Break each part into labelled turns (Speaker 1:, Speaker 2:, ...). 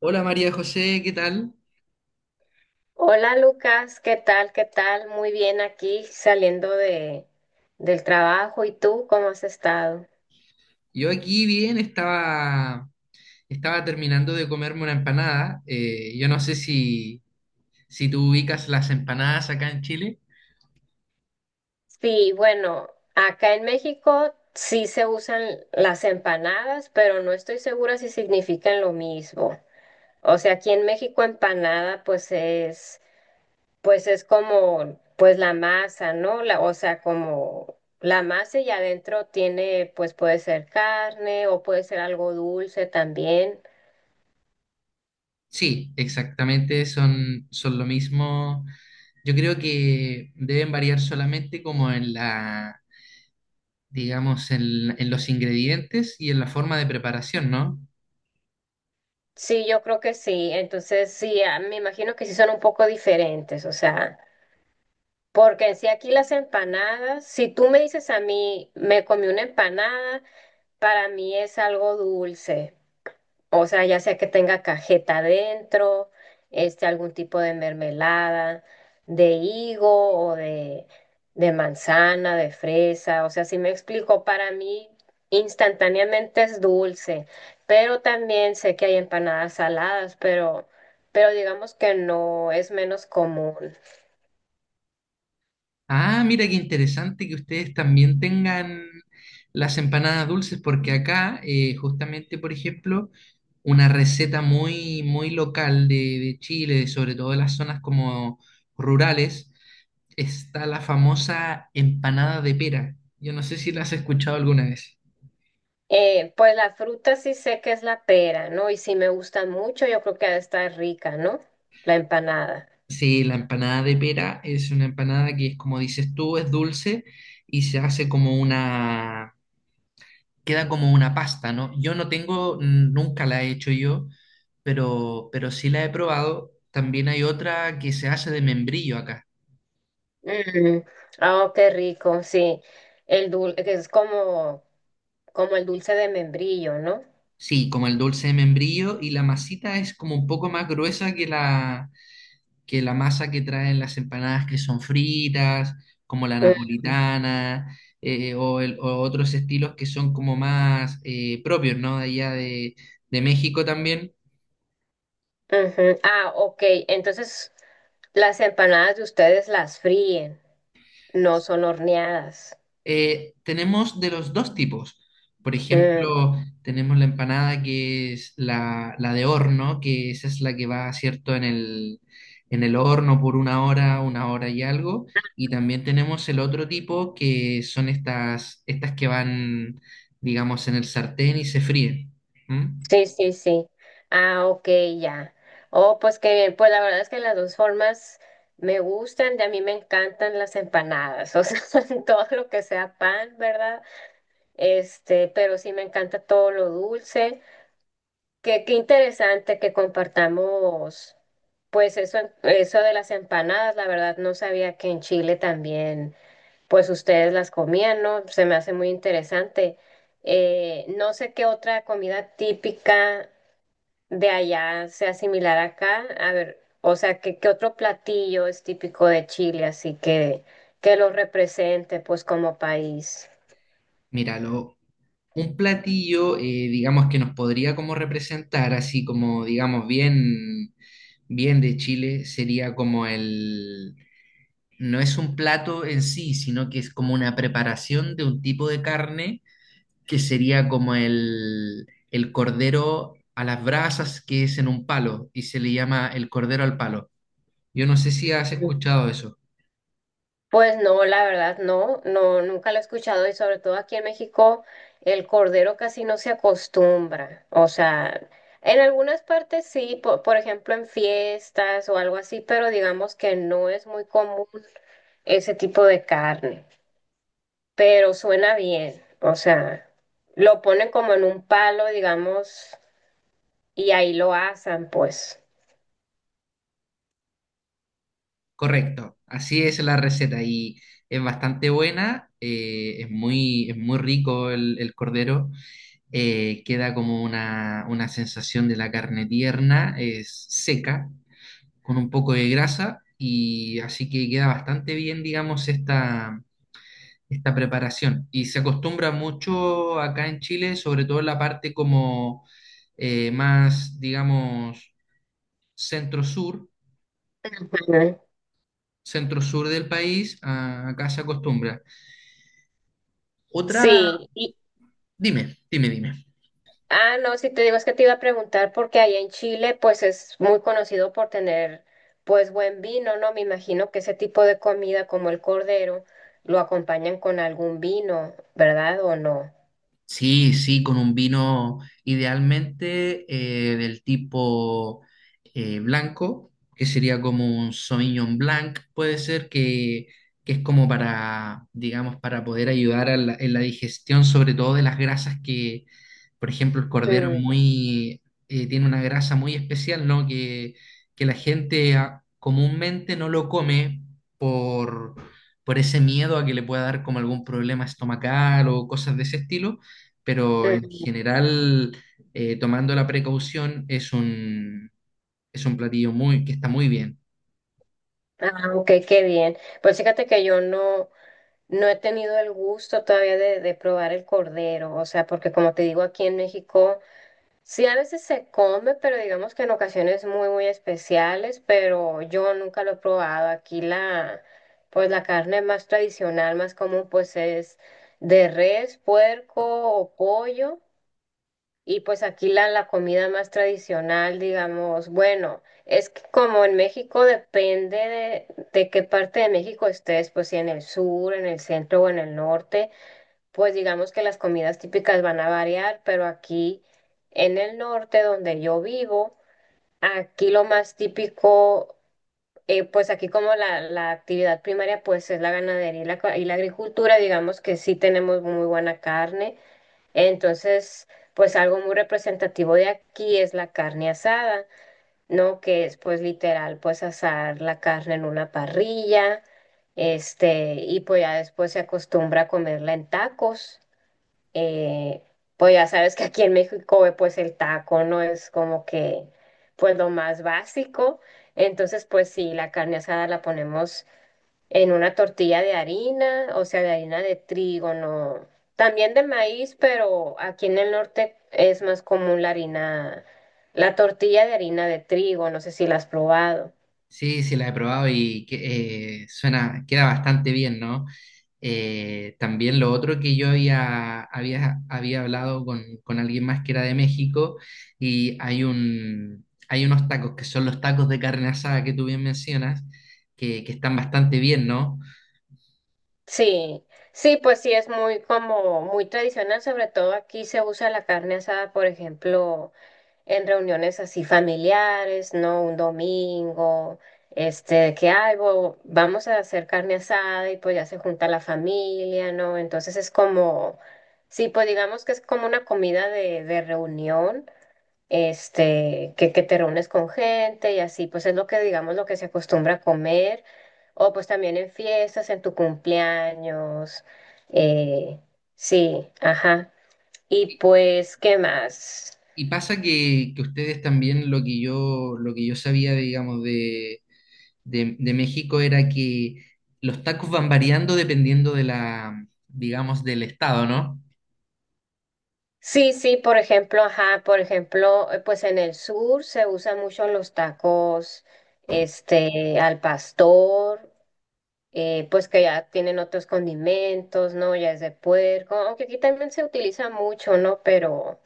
Speaker 1: Hola María José, ¿qué tal?
Speaker 2: Hola Lucas, ¿qué tal? ¿Qué tal? Muy bien aquí saliendo de, del trabajo. ¿Y tú cómo has estado?
Speaker 1: Yo aquí bien, estaba, estaba terminando de comerme una empanada. Yo no sé si tú ubicas las empanadas acá en Chile.
Speaker 2: Sí, bueno, acá en México sí se usan las empanadas, pero no estoy segura si significan lo mismo. O sea, aquí en México empanada pues es como pues la masa, ¿no? La, o sea, como la masa y adentro tiene pues puede ser carne o puede ser algo dulce también.
Speaker 1: Sí, exactamente, son lo mismo. Yo creo que deben variar solamente como en la, digamos, en los ingredientes y en la forma de preparación, ¿no?
Speaker 2: Sí, yo creo que sí. Entonces, sí, me imagino que sí son un poco diferentes, o sea, porque en sí aquí las empanadas, si tú me dices a mí, me comí una empanada, para mí es algo dulce. O sea, ya sea que tenga cajeta adentro, algún tipo de mermelada, de higo o de manzana, de fresa. O sea, si me explico, para mí instantáneamente es dulce, pero también sé que hay empanadas saladas, pero digamos que no es menos común.
Speaker 1: Ah, mira qué interesante que ustedes también tengan las empanadas dulces, porque acá, justamente, por ejemplo, una receta muy, muy local de Chile, sobre todo de las zonas como rurales, está la famosa empanada de pera. Yo no sé si la has escuchado alguna vez.
Speaker 2: Pues la fruta sí sé que es la pera, ¿no? Y si me gusta mucho, yo creo que ha de estar rica, ¿no? La empanada.
Speaker 1: Sí, la empanada de pera es una empanada que es como dices tú, es dulce y se hace como una queda como una pasta, ¿no? Yo no tengo, nunca la he hecho yo, pero sí la he probado. También hay otra que se hace de membrillo acá.
Speaker 2: Mm, oh, qué rico, sí. El dulce, que es como, como el dulce de membrillo, ¿no?
Speaker 1: Sí, como el dulce de membrillo y la masita es como un poco más gruesa que que la masa que traen las empanadas que son fritas, como la
Speaker 2: Mm,
Speaker 1: napolitana o, o otros estilos que son como más propios, ¿no? De allá de México también.
Speaker 2: ujú. Ah, ok. Entonces, las empanadas de ustedes las fríen, no son horneadas.
Speaker 1: Tenemos de los dos tipos. Por
Speaker 2: Mm,
Speaker 1: ejemplo, tenemos la empanada que es la de horno, que esa es la que va, ¿cierto?, en en el horno por una hora y algo. Y también tenemos el otro tipo, que son estas que van, digamos, en el sartén y se fríen. ¿Mm?
Speaker 2: sí, sí, sí. Ah, ok, ya. Oh, pues qué bien. Pues la verdad es que las dos formas me gustan, de a mí me encantan las empanadas, o sea, todo lo que sea pan, ¿verdad? Pero sí me encanta todo lo dulce. Qué, qué interesante que compartamos, pues eso de las empanadas, la verdad no sabía que en Chile también, pues ustedes las comían, ¿no? Se me hace muy interesante. No sé qué otra comida típica de allá sea similar acá. A ver, o sea, qué, qué otro platillo es típico de Chile, así que lo represente, pues como país.
Speaker 1: Mira, un platillo, digamos, que nos podría como representar, así como, digamos, bien, bien de Chile, sería como el, no es un plato en sí, sino que es como una preparación de un tipo de carne que sería como el cordero a las brasas que es en un palo y se le llama el cordero al palo. Yo no sé si has escuchado eso.
Speaker 2: Pues no, la verdad no, no, nunca lo he escuchado y sobre todo aquí en México el cordero casi no se acostumbra. O sea, en algunas partes sí, po- por, ejemplo en fiestas o algo así, pero digamos que no es muy común ese tipo de carne. Pero suena bien, o sea, lo ponen como en un palo, digamos, y ahí lo asan, pues.
Speaker 1: Correcto, así es la receta y es bastante buena, es muy rico el cordero, queda como una sensación de la carne tierna, es seca, con un poco de grasa y así que queda bastante bien, digamos, esta preparación. Y se acostumbra mucho acá en Chile, sobre todo en la parte como más, digamos, centro-sur,
Speaker 2: Ujú.
Speaker 1: centro-sur del país, ah, acá se acostumbra. Otra,
Speaker 2: Sí,
Speaker 1: dime, dime, dime.
Speaker 2: ah, no, si te digo es que te iba a preguntar porque allá en Chile pues es muy conocido por tener pues buen vino, ¿no? Me imagino que ese tipo de comida como el cordero lo acompañan con algún vino, ¿verdad? ¿O no?
Speaker 1: Sí, sí, con un vino idealmente del tipo blanco, que sería como un Sauvignon Blanc, puede ser que es como para, digamos, para poder ayudar a en la digestión, sobre todo de las grasas que, por ejemplo, el cordero es
Speaker 2: Mm,
Speaker 1: muy, tiene una grasa muy especial, ¿no? Que la gente ah, comúnmente no lo come por, por ese miedo a que le pueda dar como algún problema estomacal o cosas de ese estilo, pero en
Speaker 2: mm.
Speaker 1: general, tomando la precaución, es un platillo muy, que está muy bien.
Speaker 2: Ah, ok, qué bien. Pues fíjate que yo no, no he tenido el gusto todavía de probar el cordero, o sea, porque como te digo, aquí en México. Sí, a veces se come, pero digamos que en ocasiones muy, muy especiales, pero yo nunca lo he probado. Aquí la, pues la carne más tradicional, más común, pues es de res, puerco o pollo. Y pues aquí la, la comida más tradicional, digamos, bueno, es que como en México depende de qué parte de México estés, pues si en el sur, en el centro o en el norte. Pues digamos que las comidas típicas van a variar, pero aquí en el norte donde yo vivo, aquí lo más típico, pues aquí como la actividad primaria pues es la ganadería y la, co- y la agricultura, digamos que sí tenemos muy buena carne, entonces pues algo muy representativo de aquí es la carne asada, ¿no? Que es pues literal pues asar la carne en una parrilla, este, y pues ya después se acostumbra a comerla en tacos. Eh, pues ya sabes que aquí en México, pues el taco no es como que, pues lo más básico. Entonces, pues sí, la carne asada la ponemos en una tortilla de harina, o sea, de harina de trigo, no. También de maíz, pero aquí en el norte es más común la harina, la tortilla de harina de trigo, no sé si la has probado.
Speaker 1: Sí, sí, la he probado y que, suena, queda bastante bien, ¿no? También lo otro que yo había hablado con alguien más que era de México y hay un, hay unos tacos que son los tacos de carne asada que tú bien mencionas, que están bastante bien, ¿no?
Speaker 2: Sí, sí, pues sí, es muy como muy tradicional, sobre todo aquí se usa la carne asada, por ejemplo. En reuniones así familiares, ¿no? Un domingo, este, que algo, vamos a hacer carne asada y pues ya se junta la familia, ¿no? Entonces es como, sí, pues digamos que es como una comida de reunión, este, que te reúnes con gente y así, pues es lo que digamos lo que se acostumbra a comer, o pues también en fiestas, en tu cumpleaños, eh, sí, ajá. Y pues, ¿qué más?
Speaker 1: Y pasa que ustedes también lo que yo sabía, digamos, de, de México era que los tacos van variando dependiendo de la, digamos, del estado, ¿no?
Speaker 2: Sí, sí, por ejemplo, ajá, por ejemplo, pues en el sur se usan mucho los tacos, al pastor, pues que ya tienen otros condimentos, ¿no? Ya es de puerco, aunque aquí también se utiliza mucho, ¿no?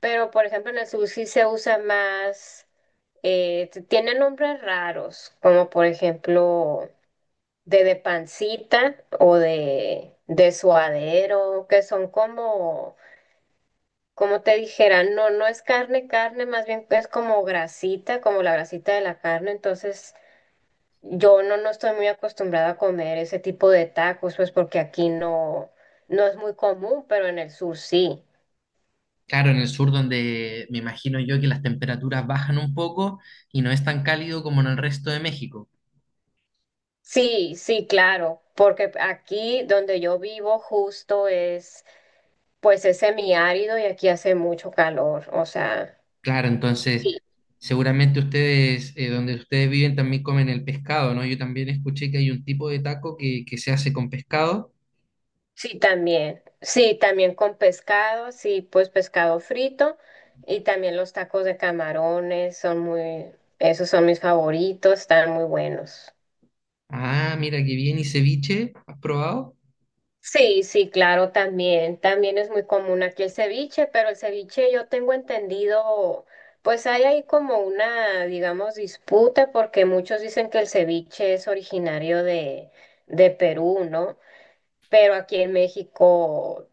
Speaker 2: Pero por ejemplo, en el sur sí se usa más, t- tiene nombres raros, como por ejemplo de pancita o de suadero, que son como como te dijera, no, no es carne, carne, más bien es como grasita, como la grasita de la carne, entonces yo no, no estoy muy acostumbrada a comer ese tipo de tacos, pues porque aquí no, no es muy común, pero en el sur sí.
Speaker 1: Claro, en el sur donde me imagino yo que las temperaturas bajan un poco y no es tan cálido como en el resto de México.
Speaker 2: Sí, sí, claro, porque aquí donde yo vivo justo es, pues es semiárido y aquí hace mucho calor, o sea,
Speaker 1: Claro,
Speaker 2: y
Speaker 1: entonces seguramente ustedes, donde ustedes viven también comen el pescado, ¿no? Yo también escuché que hay un tipo de taco que se hace con pescado.
Speaker 2: sí, también. Sí, también con pescado, sí, pues pescado frito y también los tacos de camarones son muy, esos son mis favoritos, están muy buenos.
Speaker 1: Ah, mira qué bien, ¿y ceviche? ¿Has probado?
Speaker 2: Sí, sí, claro, también. También es muy común aquí el ceviche, pero el ceviche yo tengo entendido, pues hay ahí como una, digamos, disputa porque muchos dicen que el ceviche es originario de Perú, ¿no? Pero aquí en México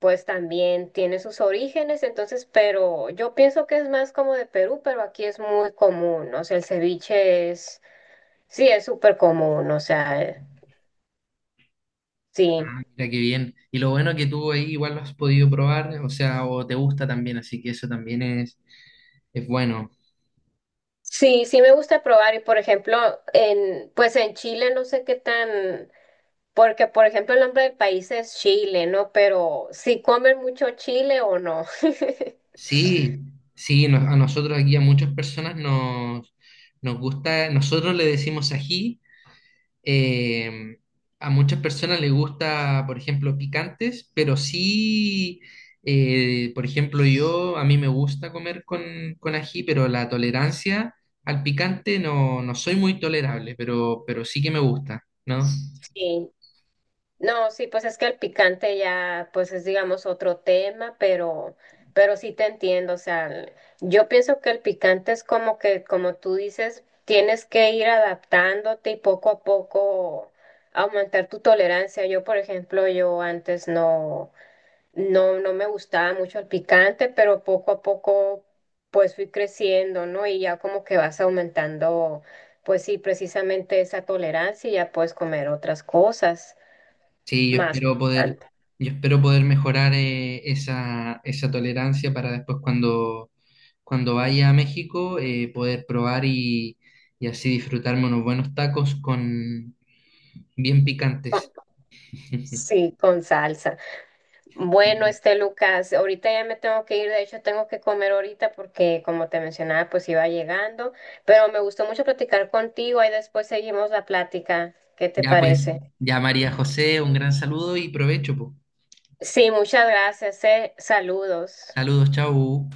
Speaker 2: pues también tiene sus orígenes, entonces, pero yo pienso que es más como de Perú, pero aquí es muy común, o sea, el ceviche es, sí, es súper común, o sea, sí,
Speaker 1: Ah, mira qué bien. Y lo bueno que tú ahí igual lo has podido probar, o sea, o te gusta también, así que eso también es bueno.
Speaker 2: sí, sí me gusta probar y, por ejemplo, en, pues en Chile no sé qué tan, porque, por ejemplo, el nombre del país es Chile, ¿no? Pero si comen mucho chile o no.
Speaker 1: Sí, sí, no- a nosotros aquí a muchas personas nos gusta, nosotros le decimos ají. Eh, a muchas personas les gusta, por ejemplo, picantes, pero sí, por ejemplo, yo, a mí me gusta comer con ají, pero la tolerancia al picante no, no soy muy tolerable, pero sí que me gusta, ¿no?
Speaker 2: Sí, no, sí, pues es que el picante ya, pues es digamos otro tema, pero sí te entiendo, o sea, el- yo pienso que el picante es como que, como tú dices, tienes que ir adaptándote y poco a poco aumentar tu tolerancia. Yo, por ejemplo, yo antes no, no, no me gustaba mucho el picante, pero poco a poco pues fui creciendo, ¿no? Y ya como que vas aumentando, pues sí, precisamente esa tolerancia y ya puedes comer otras cosas.
Speaker 1: Sí,
Speaker 2: Más picante.
Speaker 1: yo espero poder mejorar esa, esa tolerancia para después cuando, cuando vaya a México poder probar y así disfrutarme unos buenos tacos con bien picantes.
Speaker 2: Con- sí, con salsa. Bueno,
Speaker 1: Sí.
Speaker 2: este Lucas, ahorita ya me tengo que ir, de hecho tengo que comer ahorita porque como te mencionaba, pues iba llegando, pero me gustó mucho platicar contigo, ahí después seguimos la plática. ¿Qué te
Speaker 1: Ya pues,
Speaker 2: parece?
Speaker 1: ya María José, un gran saludo y provecho, po.
Speaker 2: Sí, muchas gracias, eh. Saludos.
Speaker 1: Saludos, chau.